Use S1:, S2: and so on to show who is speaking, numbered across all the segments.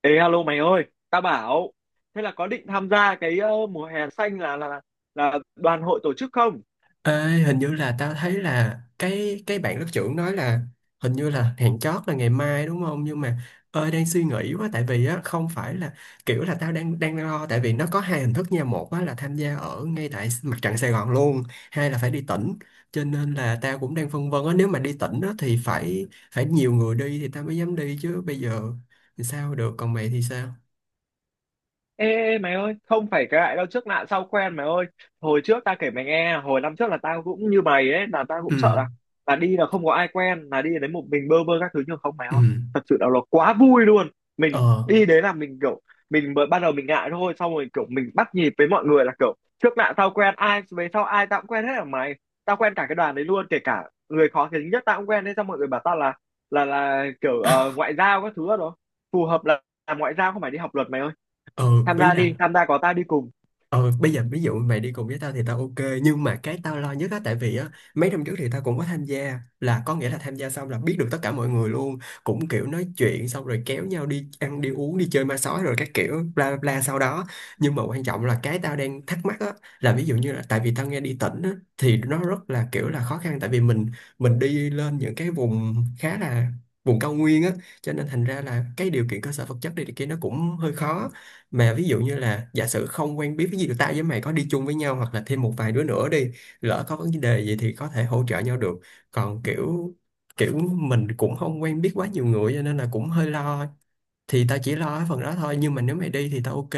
S1: Ê alo mày ơi, tao bảo thế là có định tham gia cái mùa hè xanh là đoàn hội tổ chức không?
S2: Ê, hình như là tao thấy là cái bạn lớp trưởng nói là hình như là hẹn chót là ngày mai đúng không? Nhưng mà ơi đang suy nghĩ quá tại vì á không phải là kiểu là tao đang đang lo tại vì nó có hai hình thức nha, một á là tham gia ở ngay tại mặt trận Sài Gòn luôn, hai là phải đi tỉnh. Cho nên là tao cũng đang phân vân á, nếu mà đi tỉnh á thì phải phải nhiều người đi thì tao mới dám đi chứ bây giờ thì sao được, còn mày thì sao?
S1: Ê, ê mày ơi, không phải cái lại đâu trước nạn sau quen mày ơi. Hồi trước ta kể mày nghe, hồi năm trước là tao cũng như mày ấy, là tao cũng
S2: Ừ,
S1: sợ là đi là không có ai quen, là đi đến một mình bơ bơ các thứ nhưng không mày
S2: ừ.
S1: ơi. Thật sự là nó quá vui luôn. Mình
S2: Ờ,
S1: đi đến là mình kiểu mình mới ban đầu mình ngại thôi, xong rồi kiểu mình bắt nhịp với mọi người là kiểu trước nạn sau quen, ai về sau ai tao cũng quen hết ở mày. Tao quen cả cái đoàn đấy luôn, kể cả người khó tính nhất tao cũng quen đấy xong mọi người bảo tao là kiểu ngoại giao các thứ đó. Phù hợp là làm ngoại giao không phải đi học luật mày ơi,
S2: ừ,
S1: tham
S2: ý
S1: gia đi,
S2: là.
S1: tham gia có tao đi cùng.
S2: Ờ, bây giờ ví dụ mày đi cùng với tao thì tao ok, nhưng mà cái tao lo nhất á tại vì á mấy năm trước thì tao cũng có tham gia, là có nghĩa là tham gia xong là biết được tất cả mọi người luôn, cũng kiểu nói chuyện xong rồi kéo nhau đi ăn đi uống đi chơi ma sói rồi các kiểu bla bla bla sau đó. Nhưng mà quan trọng là cái tao đang thắc mắc á là ví dụ như là tại vì tao nghe đi tỉnh á thì nó rất là kiểu là khó khăn, tại vì mình đi lên những cái vùng khá là vùng cao nguyên á, cho nên thành ra là cái điều kiện cơ sở vật chất đi thì kia nó cũng hơi khó. Mà ví dụ như là giả sử không quen biết, ví dụ tao với mày có đi chung với nhau hoặc là thêm một vài đứa nữa đi, lỡ có vấn đề gì thì có thể hỗ trợ nhau được. Còn kiểu kiểu mình cũng không quen biết quá nhiều người cho nên là cũng hơi lo, thì tao chỉ lo cái phần đó thôi, nhưng mà nếu mày đi thì tao ok.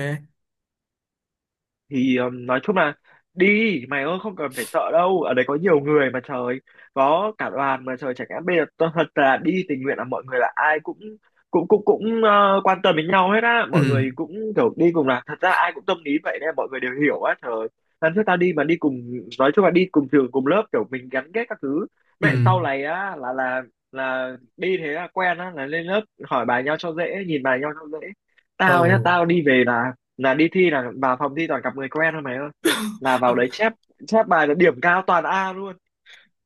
S1: Thì nói chung là đi mày ơi, không cần phải sợ đâu, ở đấy có nhiều người mà trời, có cả đoàn mà trời. Chẳng hạn bây giờ tôi thật là đi tình nguyện là mọi người là ai cũng cũng quan tâm đến nhau hết á,
S2: Ừ.
S1: mọi người cũng kiểu đi cùng là thật ra ai cũng tâm lý vậy nên mọi người đều hiểu á trời. Lần trước tao đi mà đi cùng, nói chung là đi cùng trường cùng lớp kiểu mình gắn kết các thứ,
S2: Ừ.
S1: mẹ sau này á là đi thế là quen á, là lên lớp hỏi bài nhau cho dễ, nhìn bài nhau cho dễ. Tao nhá,
S2: Ừ.
S1: tao đi về là đi thi là vào phòng thi toàn gặp người quen thôi mày ơi, là vào đấy chép, chép bài là điểm cao toàn A luôn.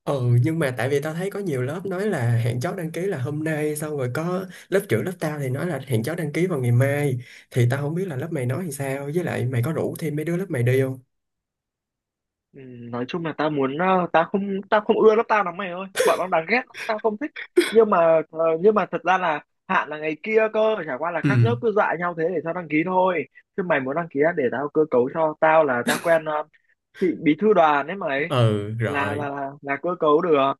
S2: Ừ, nhưng mà tại vì tao thấy có nhiều lớp nói là hẹn chót đăng ký là hôm nay, xong rồi có lớp trưởng lớp tao thì nói là hẹn chót đăng ký vào ngày mai, thì tao không biết là lớp mày nói thì sao, với lại mày có rủ thêm mấy đứa lớp mày đi không?
S1: Ừ, nói chung là tao muốn, tao không, tao không ưa lớp tao lắm mày ơi, bọn nó đáng ghét lắm, tao không thích. Nhưng mà nhưng mà thật ra là hạn là ngày kia cơ, chả qua là các
S2: Ừ.
S1: lớp cứ dọa nhau thế để tao đăng ký thôi, chứ mày muốn đăng ký á, để tao cơ cấu cho. Tao là tao quen chị bí thư đoàn ấy mày,
S2: Ừ
S1: là
S2: rồi.
S1: là là, là cơ cấu được.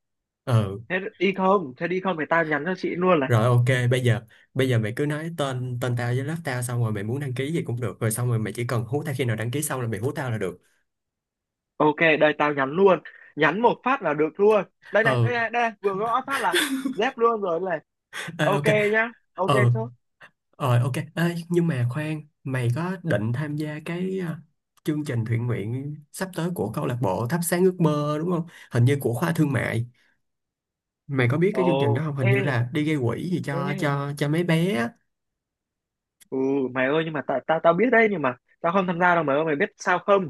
S2: Ừ
S1: Thế đi không, thế đi không thì tao nhắn cho chị luôn là
S2: rồi ok. Bây giờ bây giờ mày cứ nói tên tên tao với lớp tao, xong rồi mày muốn đăng ký gì cũng được, rồi xong rồi mày chỉ cần hú tao khi nào đăng ký xong là mày hú tao là được.
S1: ok. Đây tao nhắn luôn. Nhắn một phát là được luôn. Đây này, đây
S2: Ừ.
S1: này, đây này. Vừa gõ phát là dép luôn rồi đây này.
S2: Ê, ok.
S1: Ok nhá. Ok
S2: Ừ.
S1: chứ.
S2: Rồi ok. Ê, nhưng mà khoan, mày có định tham gia cái à, chương trình thiện nguyện sắp tới của câu lạc bộ Thắp Sáng Ước Mơ đúng không? Hình như của khoa thương mại. Mày có biết
S1: Ồ,
S2: cái chương trình đó không? Hình
S1: ê,
S2: như là đi gây quỹ gì cho
S1: ê.
S2: cho cho mấy bé á.
S1: Ừ, mày ơi, nhưng mà tao tao tao biết đấy, nhưng mà tao không tham gia đâu mày ơi, mày biết sao không?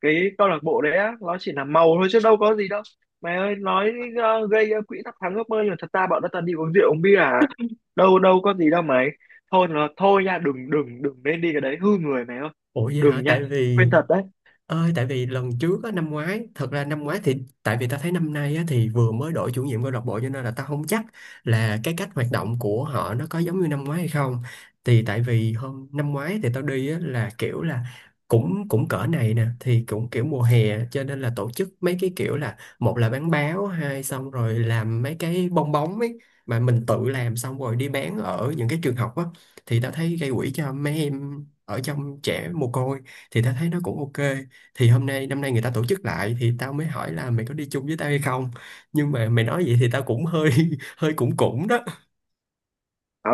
S1: Cái câu lạc bộ đấy á, nó chỉ là màu thôi chứ đâu có gì đâu. Mày ơi, nói gây quỹ thắp sáng ước mơ, nhưng mà thật ra bọn nó toàn đi uống rượu uống bia à. Đâu đâu có gì đâu mày. Thôi nó thôi nha, đừng đừng đừng nên đi cái đấy hư người mày ơi.
S2: Ủa vậy
S1: Đừng
S2: hả?
S1: nha.
S2: Tại vì
S1: Khuyên thật đấy.
S2: ơi, tại vì lần trước á, năm ngoái, thật ra năm ngoái thì tại vì ta thấy năm nay á, thì vừa mới đổi chủ nhiệm câu lạc bộ cho nên là ta không chắc là cái cách hoạt động của họ nó có giống như năm ngoái hay không. Thì tại vì hôm năm ngoái thì tao đi á, là kiểu là cũng cũng cỡ này nè thì cũng kiểu mùa hè cho nên là tổ chức mấy cái kiểu là một là bán báo, hai xong rồi làm mấy cái bong bóng ấy mà mình tự làm xong rồi đi bán ở những cái trường học á, thì ta thấy gây quỹ cho mấy em ở trong trẻ mồ côi thì ta thấy nó cũng ok. Thì hôm nay năm nay người ta tổ chức lại thì tao mới hỏi là mày có đi chung với tao hay không, nhưng mà mày nói vậy thì tao cũng hơi hơi cũng cũng đó.
S1: Ờ,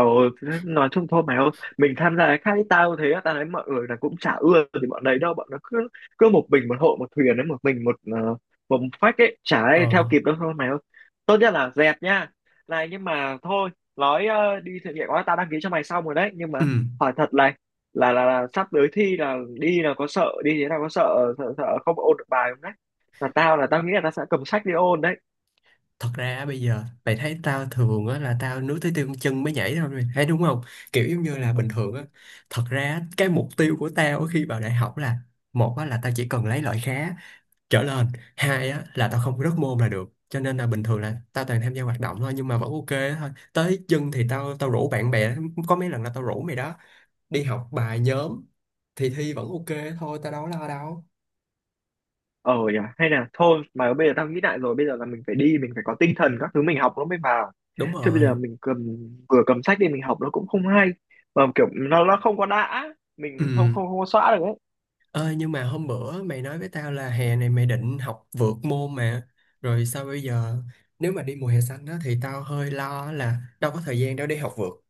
S1: nói chung thôi mày ơi, mình tham gia cái khác. Tao thế á, tao thấy mọi người là cũng chả ưa thì bọn đấy đâu, bọn nó cứ cứ một mình một hộ một thuyền đấy, một mình một một phách ấy, chả ai theo
S2: Ờ.
S1: kịp đâu thôi mày ơi, tốt nhất là dẹp nha. Này nhưng mà thôi, nói đi thực hiện quá, tao đăng ký cho mày xong rồi đấy, nhưng
S2: Ừ.
S1: mà hỏi thật này là là sắp tới thi là đi là có sợ, đi thế nào có sợ, sợ không ôn được bài không đấy. Là tao, là tao nghĩ là tao sẽ cầm sách đi ôn đấy.
S2: Thật ra á, bây giờ mày thấy tao thường á là tao nuối tới tiêu chân mới nhảy thôi, mày thấy đúng không? Kiểu giống như là bình thường á. Thật ra á, cái mục tiêu của tao khi vào đại học là một á là tao chỉ cần lấy loại khá trở lên, hai á là tao không rớt môn là được, cho nên là bình thường là tao toàn tham gia hoạt động thôi, nhưng mà vẫn ok thôi. Tới chân thì tao tao rủ bạn bè, có mấy lần là tao rủ mày đó đi học bài nhóm thì thi vẫn ok thôi, tao đâu có lo đâu.
S1: Ờ nhỉ, hay là thôi. Mà bây giờ tao nghĩ lại rồi, bây giờ là mình phải đi, mình phải có tinh thần các thứ mình học nó mới vào,
S2: Đúng
S1: chứ bây giờ
S2: rồi.
S1: mình cầm, vừa cầm sách đi mình học nó cũng không hay, mà kiểu nó không có đã,
S2: Ừ.
S1: mình không không không có xóa được ấy.
S2: Ơi nhưng mà hôm bữa mày nói với tao là hè này mày định học vượt môn mà, rồi sao bây giờ, nếu mà đi mùa hè xanh đó thì tao hơi lo là đâu có thời gian đâu để học vượt.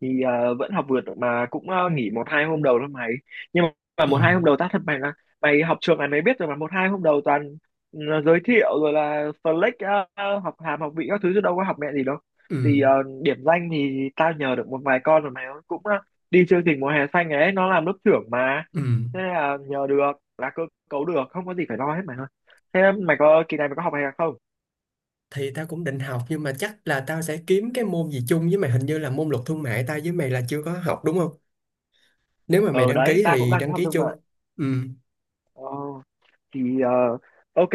S1: Thì vẫn học vượt mà, cũng nghỉ một hai hôm đầu thôi mày, nhưng mà
S2: Ừ.
S1: một hai hôm đầu tao thật mày là mày học trường này mày biết rồi mà, một hai hôm đầu toàn, ừ, giới thiệu rồi là flex học hàm học vị các thứ chứ đâu có học mẹ gì đâu.
S2: Ừ.
S1: Thì điểm danh thì tao nhờ được một vài con rồi, mày cũng đi chương trình mùa hè xanh ấy, nó làm lớp trưởng mà.
S2: Ừ.
S1: Thế là nhờ được, là cơ cấu được, không có gì phải lo hết mày ơi. Thế mày có kỳ này, mày có học hè không?
S2: Thì tao cũng định học nhưng mà chắc là tao sẽ kiếm cái môn gì chung với mày, hình như là môn luật thương mại tao với mày là chưa có học đúng không? Nếu mà mày
S1: Ờ
S2: đăng
S1: đấy,
S2: ký
S1: tao cũng
S2: thì
S1: đang tính
S2: đăng
S1: học
S2: ký
S1: thương
S2: chung.
S1: mại.
S2: Ừ.
S1: Ờ thì ok,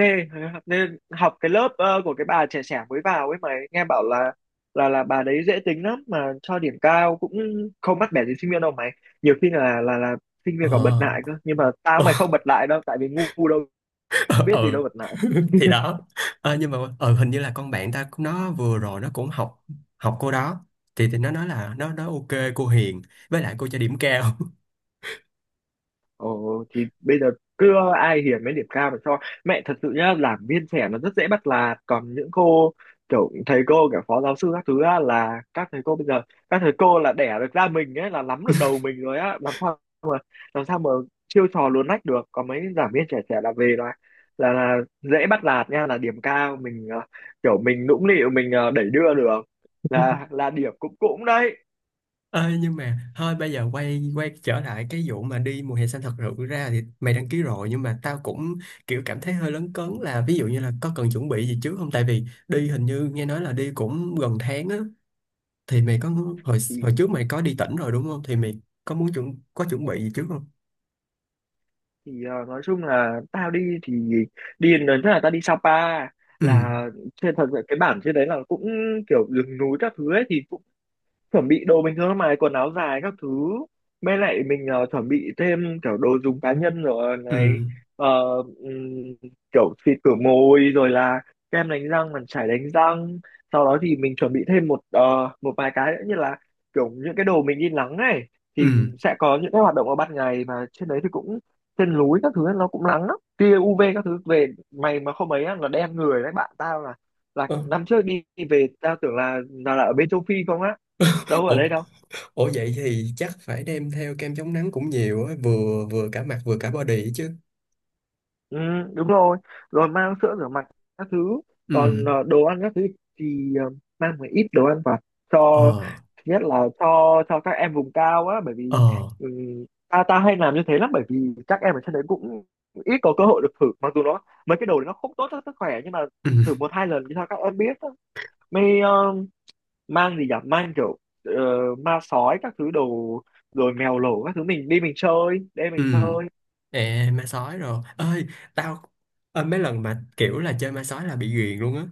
S1: nên học cái lớp của cái bà trẻ trẻ mới vào ấy, mà nghe bảo là là bà đấy dễ tính lắm, mà cho điểm cao cũng không bắt bẻ gì sinh viên đâu mày. Nhiều khi là sinh viên còn bật
S2: Ờ.
S1: lại cơ, nhưng mà tao mày không bật lại đâu, tại vì ngu đâu biết gì
S2: Ừ.
S1: đâu bật lại.
S2: Thì đó. Ờ, nhưng mà ờ, hình như là con bạn ta cũng- nó vừa rồi nó cũng học, học cô đó, thì nó nói là nó ok, cô hiền, với lại cô cho điểm cao.
S1: Ồ thì bây giờ cứ ai hiền mấy điểm cao mà cho. Mẹ thật sự nhá, làm viên trẻ nó rất dễ bắt nạt, còn những cô kiểu thầy cô kiểu phó giáo sư các thứ á, là các thầy cô bây giờ, các thầy cô là đẻ được ra mình ấy, là nắm được đầu mình rồi á, làm sao, làm sao mà chiêu trò luồn lách được. Còn mấy giảng viên trẻ trẻ là về là là dễ bắt nạt nha, là điểm cao mình kiểu mình nũng nịu mình đẩy đưa được, là điểm cũng, cũng đấy.
S2: Ê, nhưng mà thôi bây giờ quay quay trở lại cái vụ mà đi mùa hè xanh, thật sự ra thì mày đăng ký rồi nhưng mà tao cũng kiểu cảm thấy hơi lấn cấn là ví dụ như là có cần chuẩn bị gì trước không, tại vì đi hình như nghe nói là đi cũng gần tháng á, thì mày có hồi
S1: thì
S2: hồi trước mày có đi tỉnh rồi đúng không, thì mày có muốn có chuẩn bị gì trước không?
S1: thì nói chung là tao đi thì, đi lần trước là tao đi Sapa,
S2: Ừ.
S1: là trên thật sự cái bản trên đấy là cũng kiểu rừng núi các thứ ấy, thì cũng chuẩn bị đồ bình thường mà, quần áo dài các thứ, mới lại mình chuẩn bị thêm kiểu đồ dùng cá nhân rồi
S2: Ừ.
S1: này. Ờ, ừm, kiểu xịt khử môi rồi là kem đánh răng, màn chải đánh răng, sau đó thì mình chuẩn bị thêm một một vài cái nữa như là kiểu những cái đồ mình đi nắng này. Thì
S2: Ừ.
S1: sẽ có những cái hoạt động ở ban ngày mà trên đấy, thì cũng trên núi các thứ nó cũng nắng lắm, tia UV các thứ, về mày mà không ấy á, là đen người đấy. Bạn tao là,
S2: Ơ,
S1: năm trước đi, đi về tao tưởng là là ở bên châu Phi không á, đâu ở
S2: ủa.
S1: đây đâu.
S2: Ủa vậy thì chắc phải đem theo kem chống nắng cũng nhiều á, vừa vừa cả mặt vừa cả body chứ.
S1: Ừ, đúng rồi. Rồi mang sữa rửa mặt các thứ.
S2: Ừ.
S1: Còn đồ ăn các thứ thì mang một ít đồ ăn vào cho,
S2: Ờ.
S1: thứ nhất là cho các em vùng cao á, bởi vì,
S2: Ờ.
S1: ừ, ta ta hay làm như thế lắm, bởi vì các em ở trên đấy cũng ít có cơ hội được thử, mặc dù nó, mấy cái đồ đấy nó không tốt cho sức khỏe nhưng mà thử
S2: Ừ.
S1: một hai lần thì sao các em biết á. Mới mang gì nhỉ, mang kiểu ờ, ma sói các thứ đồ, rồi mèo lổ các thứ, mình đi mình chơi đây,
S2: Ừ.
S1: mình chơi.
S2: Ê, ma sói rồi ơi. Tao ơi, mấy lần mà kiểu là chơi ma sói là bị ghiền luôn á,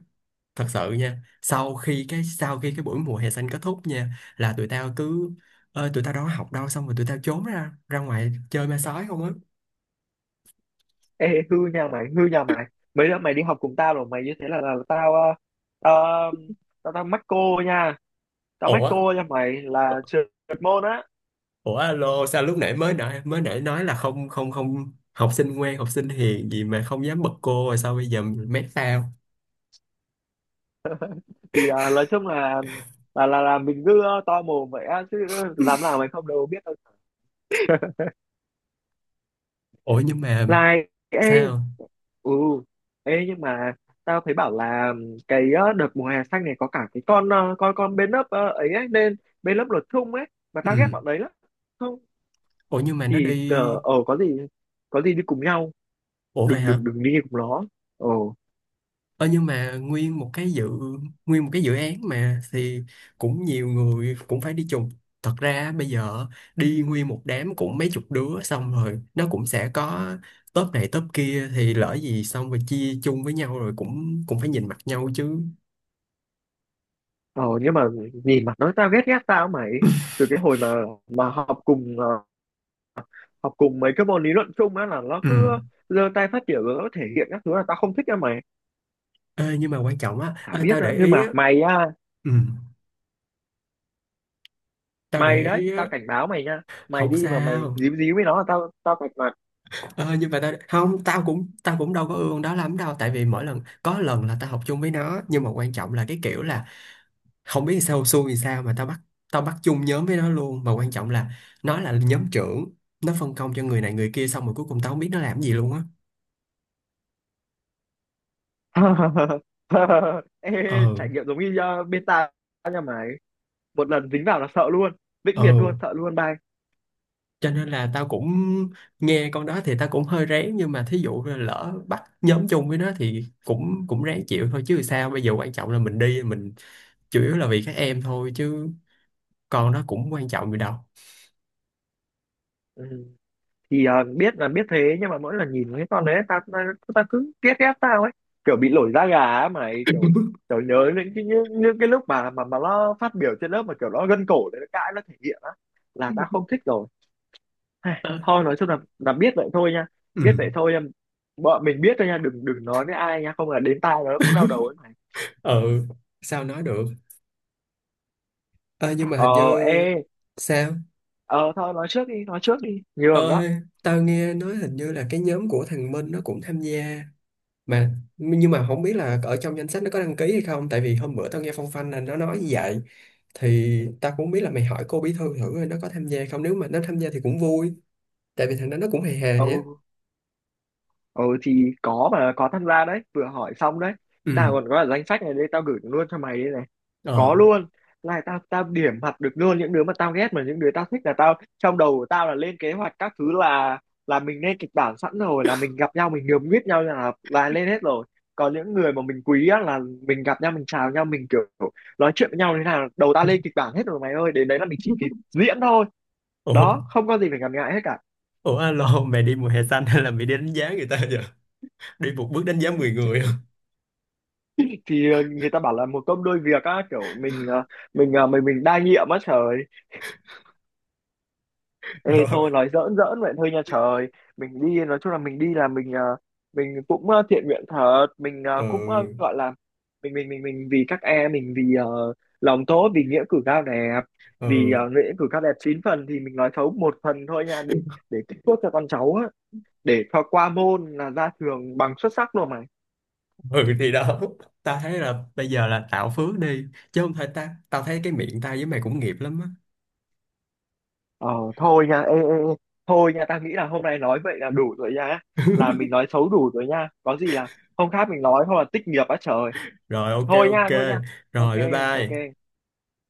S2: thật sự nha. Sau khi cái sau khi cái buổi mùa hè xanh kết thúc nha là tụi tao cứ ơi tụi tao đâu có học đâu, xong rồi tụi tao trốn ra ra ngoài chơi ma sói không á.
S1: Ê, hư nha mày, hư nha mày. Mấy đứa mày đi học cùng tao rồi, mày như thế là, là, tao, ờ, tao, tao, tao mắc cô nha. Tao mắc
S2: Ủa.
S1: cô nha mày, là trượt môn á.
S2: Ủa alo, sao lúc nãy mới nãy nói là không không không học sinh ngoan học sinh hiền gì mà không dám bật cô, rồi sao bây giờ mét tao?
S1: Thì nói chung là mình cứ to mồm vậy á, chứ dám làm nào, mày không đâu biết đâu.
S2: Ủa nhưng mà
S1: Like, ê,
S2: sao.
S1: ừ, ê nhưng mà tao thấy bảo là cái đợt mùa hè xanh này có cả cái con, con bên lớp ấy ấy, nên bên lớp luật thung ấy, mà tao ghét
S2: Ừ.
S1: bọn đấy lắm. Không,
S2: Ủa nhưng mà nó
S1: thì
S2: đi.
S1: có gì đi cùng nhau.
S2: Ủa vậy
S1: Đừng
S2: hả.
S1: đừng đừng đi cùng nó. Ồ,
S2: Ơ nhưng mà nguyên một cái dự án mà thì cũng nhiều người cũng phải đi chung. Thật ra bây giờ đi nguyên một đám cũng mấy chục đứa, xong rồi nó cũng sẽ có top này top kia thì lỡ gì xong rồi chia chung với nhau rồi cũng cũng phải nhìn mặt nhau chứ.
S1: ồ nhưng mà nhìn mặt nó tao ghét ghét tao mày, từ cái hồi mà học cùng học cùng mấy cái môn lý luận chung á, là nó
S2: Ừ.
S1: cứ giơ tay phát biểu rồi nó thể hiện các thứ là tao không thích á mày.
S2: Ê, nhưng mà quan trọng á,
S1: Chả
S2: ê,
S1: biết
S2: tao
S1: á,
S2: để
S1: nhưng
S2: ý á.
S1: mà mày á,
S2: Ừ, tao
S1: mày
S2: để
S1: đấy
S2: ý
S1: tao
S2: á.
S1: cảnh báo mày nha, mày
S2: Không
S1: đi mà mày
S2: sao.
S1: díu díu với nó là tao tao cạch mặt.
S2: Ờ, nhưng mà tao không, tao cũng đâu có ương đó lắm đâu, tại vì mỗi lần có lần là tao học chung với nó nhưng mà quan trọng là cái kiểu là không biết sao xui thì sao mà tao bắt chung nhóm với nó luôn, mà quan trọng là nó là nhóm trưởng, nó phân công cho người này người kia xong rồi cuối cùng tao không biết nó làm gì luôn á.
S1: Ê,
S2: Ờ.
S1: trải nghiệm giống như bên tao nha mày, một lần dính vào là sợ luôn, vĩnh
S2: Ờ.
S1: biệt luôn, sợ luôn, bye.
S2: Cho nên là tao cũng nghe con đó thì tao cũng hơi rén, nhưng mà thí dụ là lỡ bắt nhóm chung với nó thì cũng cũng ráng chịu thôi chứ sao bây giờ, quan trọng là mình đi mình chủ yếu là vì các em thôi chứ con nó cũng quan trọng gì đâu.
S1: Ừ. Thì biết là biết thế, nhưng mà mỗi lần nhìn cái con đấy ta ta, ta cứ ghét ghét tao ấy, kiểu bị nổi da gà á mày, kiểu kiểu nhớ những cái như, như cái lúc mà nó phát biểu trên lớp mà kiểu nó gân cổ đấy, nó cãi nó thể hiện á, là ta không thích rồi. Ai,
S2: Ờ.
S1: thôi nói chung là biết vậy thôi nha,
S2: Ừ.
S1: biết vậy thôi nha, bọn mình biết thôi nha, đừng đừng nói với ai nha, không là đến tai nó cũng đau đầu ấy mày.
S2: Ừ. Sao nói được. Ờ, nhưng mà
S1: Ờ,
S2: hình như.
S1: ê,
S2: Sao?
S1: ờ thôi, nói trước đi, nói trước đi nhường đó.
S2: Ơi tao nghe nói hình như là cái nhóm của thằng Minh nó cũng tham gia mà, nhưng mà không biết là ở trong danh sách nó có đăng ký hay không, tại vì hôm bữa tao nghe phong phanh là nó nói như vậy, thì tao cũng không biết, là mày hỏi cô bí thư thử coi nó có tham gia không, nếu mà nó tham gia thì cũng vui, tại vì thằng đó nó cũng hề hề á.
S1: Ừ, ừ thì có, mà có tham gia đấy, vừa hỏi xong đấy. Tao
S2: Ừ.
S1: còn có cả danh sách này đây, tao gửi luôn cho mày đây này, có
S2: Ờ.
S1: luôn. Này tao tao điểm mặt được luôn những đứa mà tao ghét, mà những đứa tao thích là tao trong đầu của tao là lên kế hoạch các thứ, là mình lên kịch bản sẵn rồi, là mình gặp nhau mình nhường biết nhau là lên hết rồi. Còn những người mà mình quý á, là mình gặp nhau mình chào nhau mình kiểu nói chuyện với nhau thế nào, đầu tao lên kịch bản hết rồi mày ơi, đến đấy là mình chỉ kịp diễn thôi.
S2: Ủa.
S1: Đó, không có gì phải ngần ngại hết
S2: Ủa alo, mày đi mùa hè xanh hay là mày đi đánh giá người ta vậy, đi một bước đánh giá mười
S1: cả.
S2: người hả?
S1: Thì người ta bảo là một công đôi việc á, kiểu mình mình mình đa nhiệm á trời. Ê
S2: Rồi.
S1: thôi nói giỡn giỡn vậy thôi nha trời, mình đi nói chung là mình đi là mình mình cũng thiện nguyện thật, mình cũng
S2: Ừ.
S1: gọi là mình vì các em, mình vì lòng tốt, vì nghĩa cử cao đẹp, vì
S2: Ừ.
S1: nghĩa cử cao đẹp 9 phần thì mình nói xấu một phần thôi nha, để tích phước cho con cháu á, để cho qua môn là ra trường bằng xuất sắc luôn mà.
S2: Ừ thì đó, tao thấy là bây giờ là tạo phước đi chứ không phải ta, tao thấy cái miệng tao với mày cũng nghiệp lắm á.
S1: Ờ, thôi nha, ê, ê, ê. Thôi nha, tao nghĩ là hôm nay nói vậy là đủ rồi nha, là mình nói xấu đủ rồi nha, có gì là hôm khác mình nói, hoặc là tích nghiệp á trời.
S2: Rồi ok
S1: Thôi nha,
S2: ok.
S1: thôi nha, ok,
S2: Rồi bye bye.
S1: ok.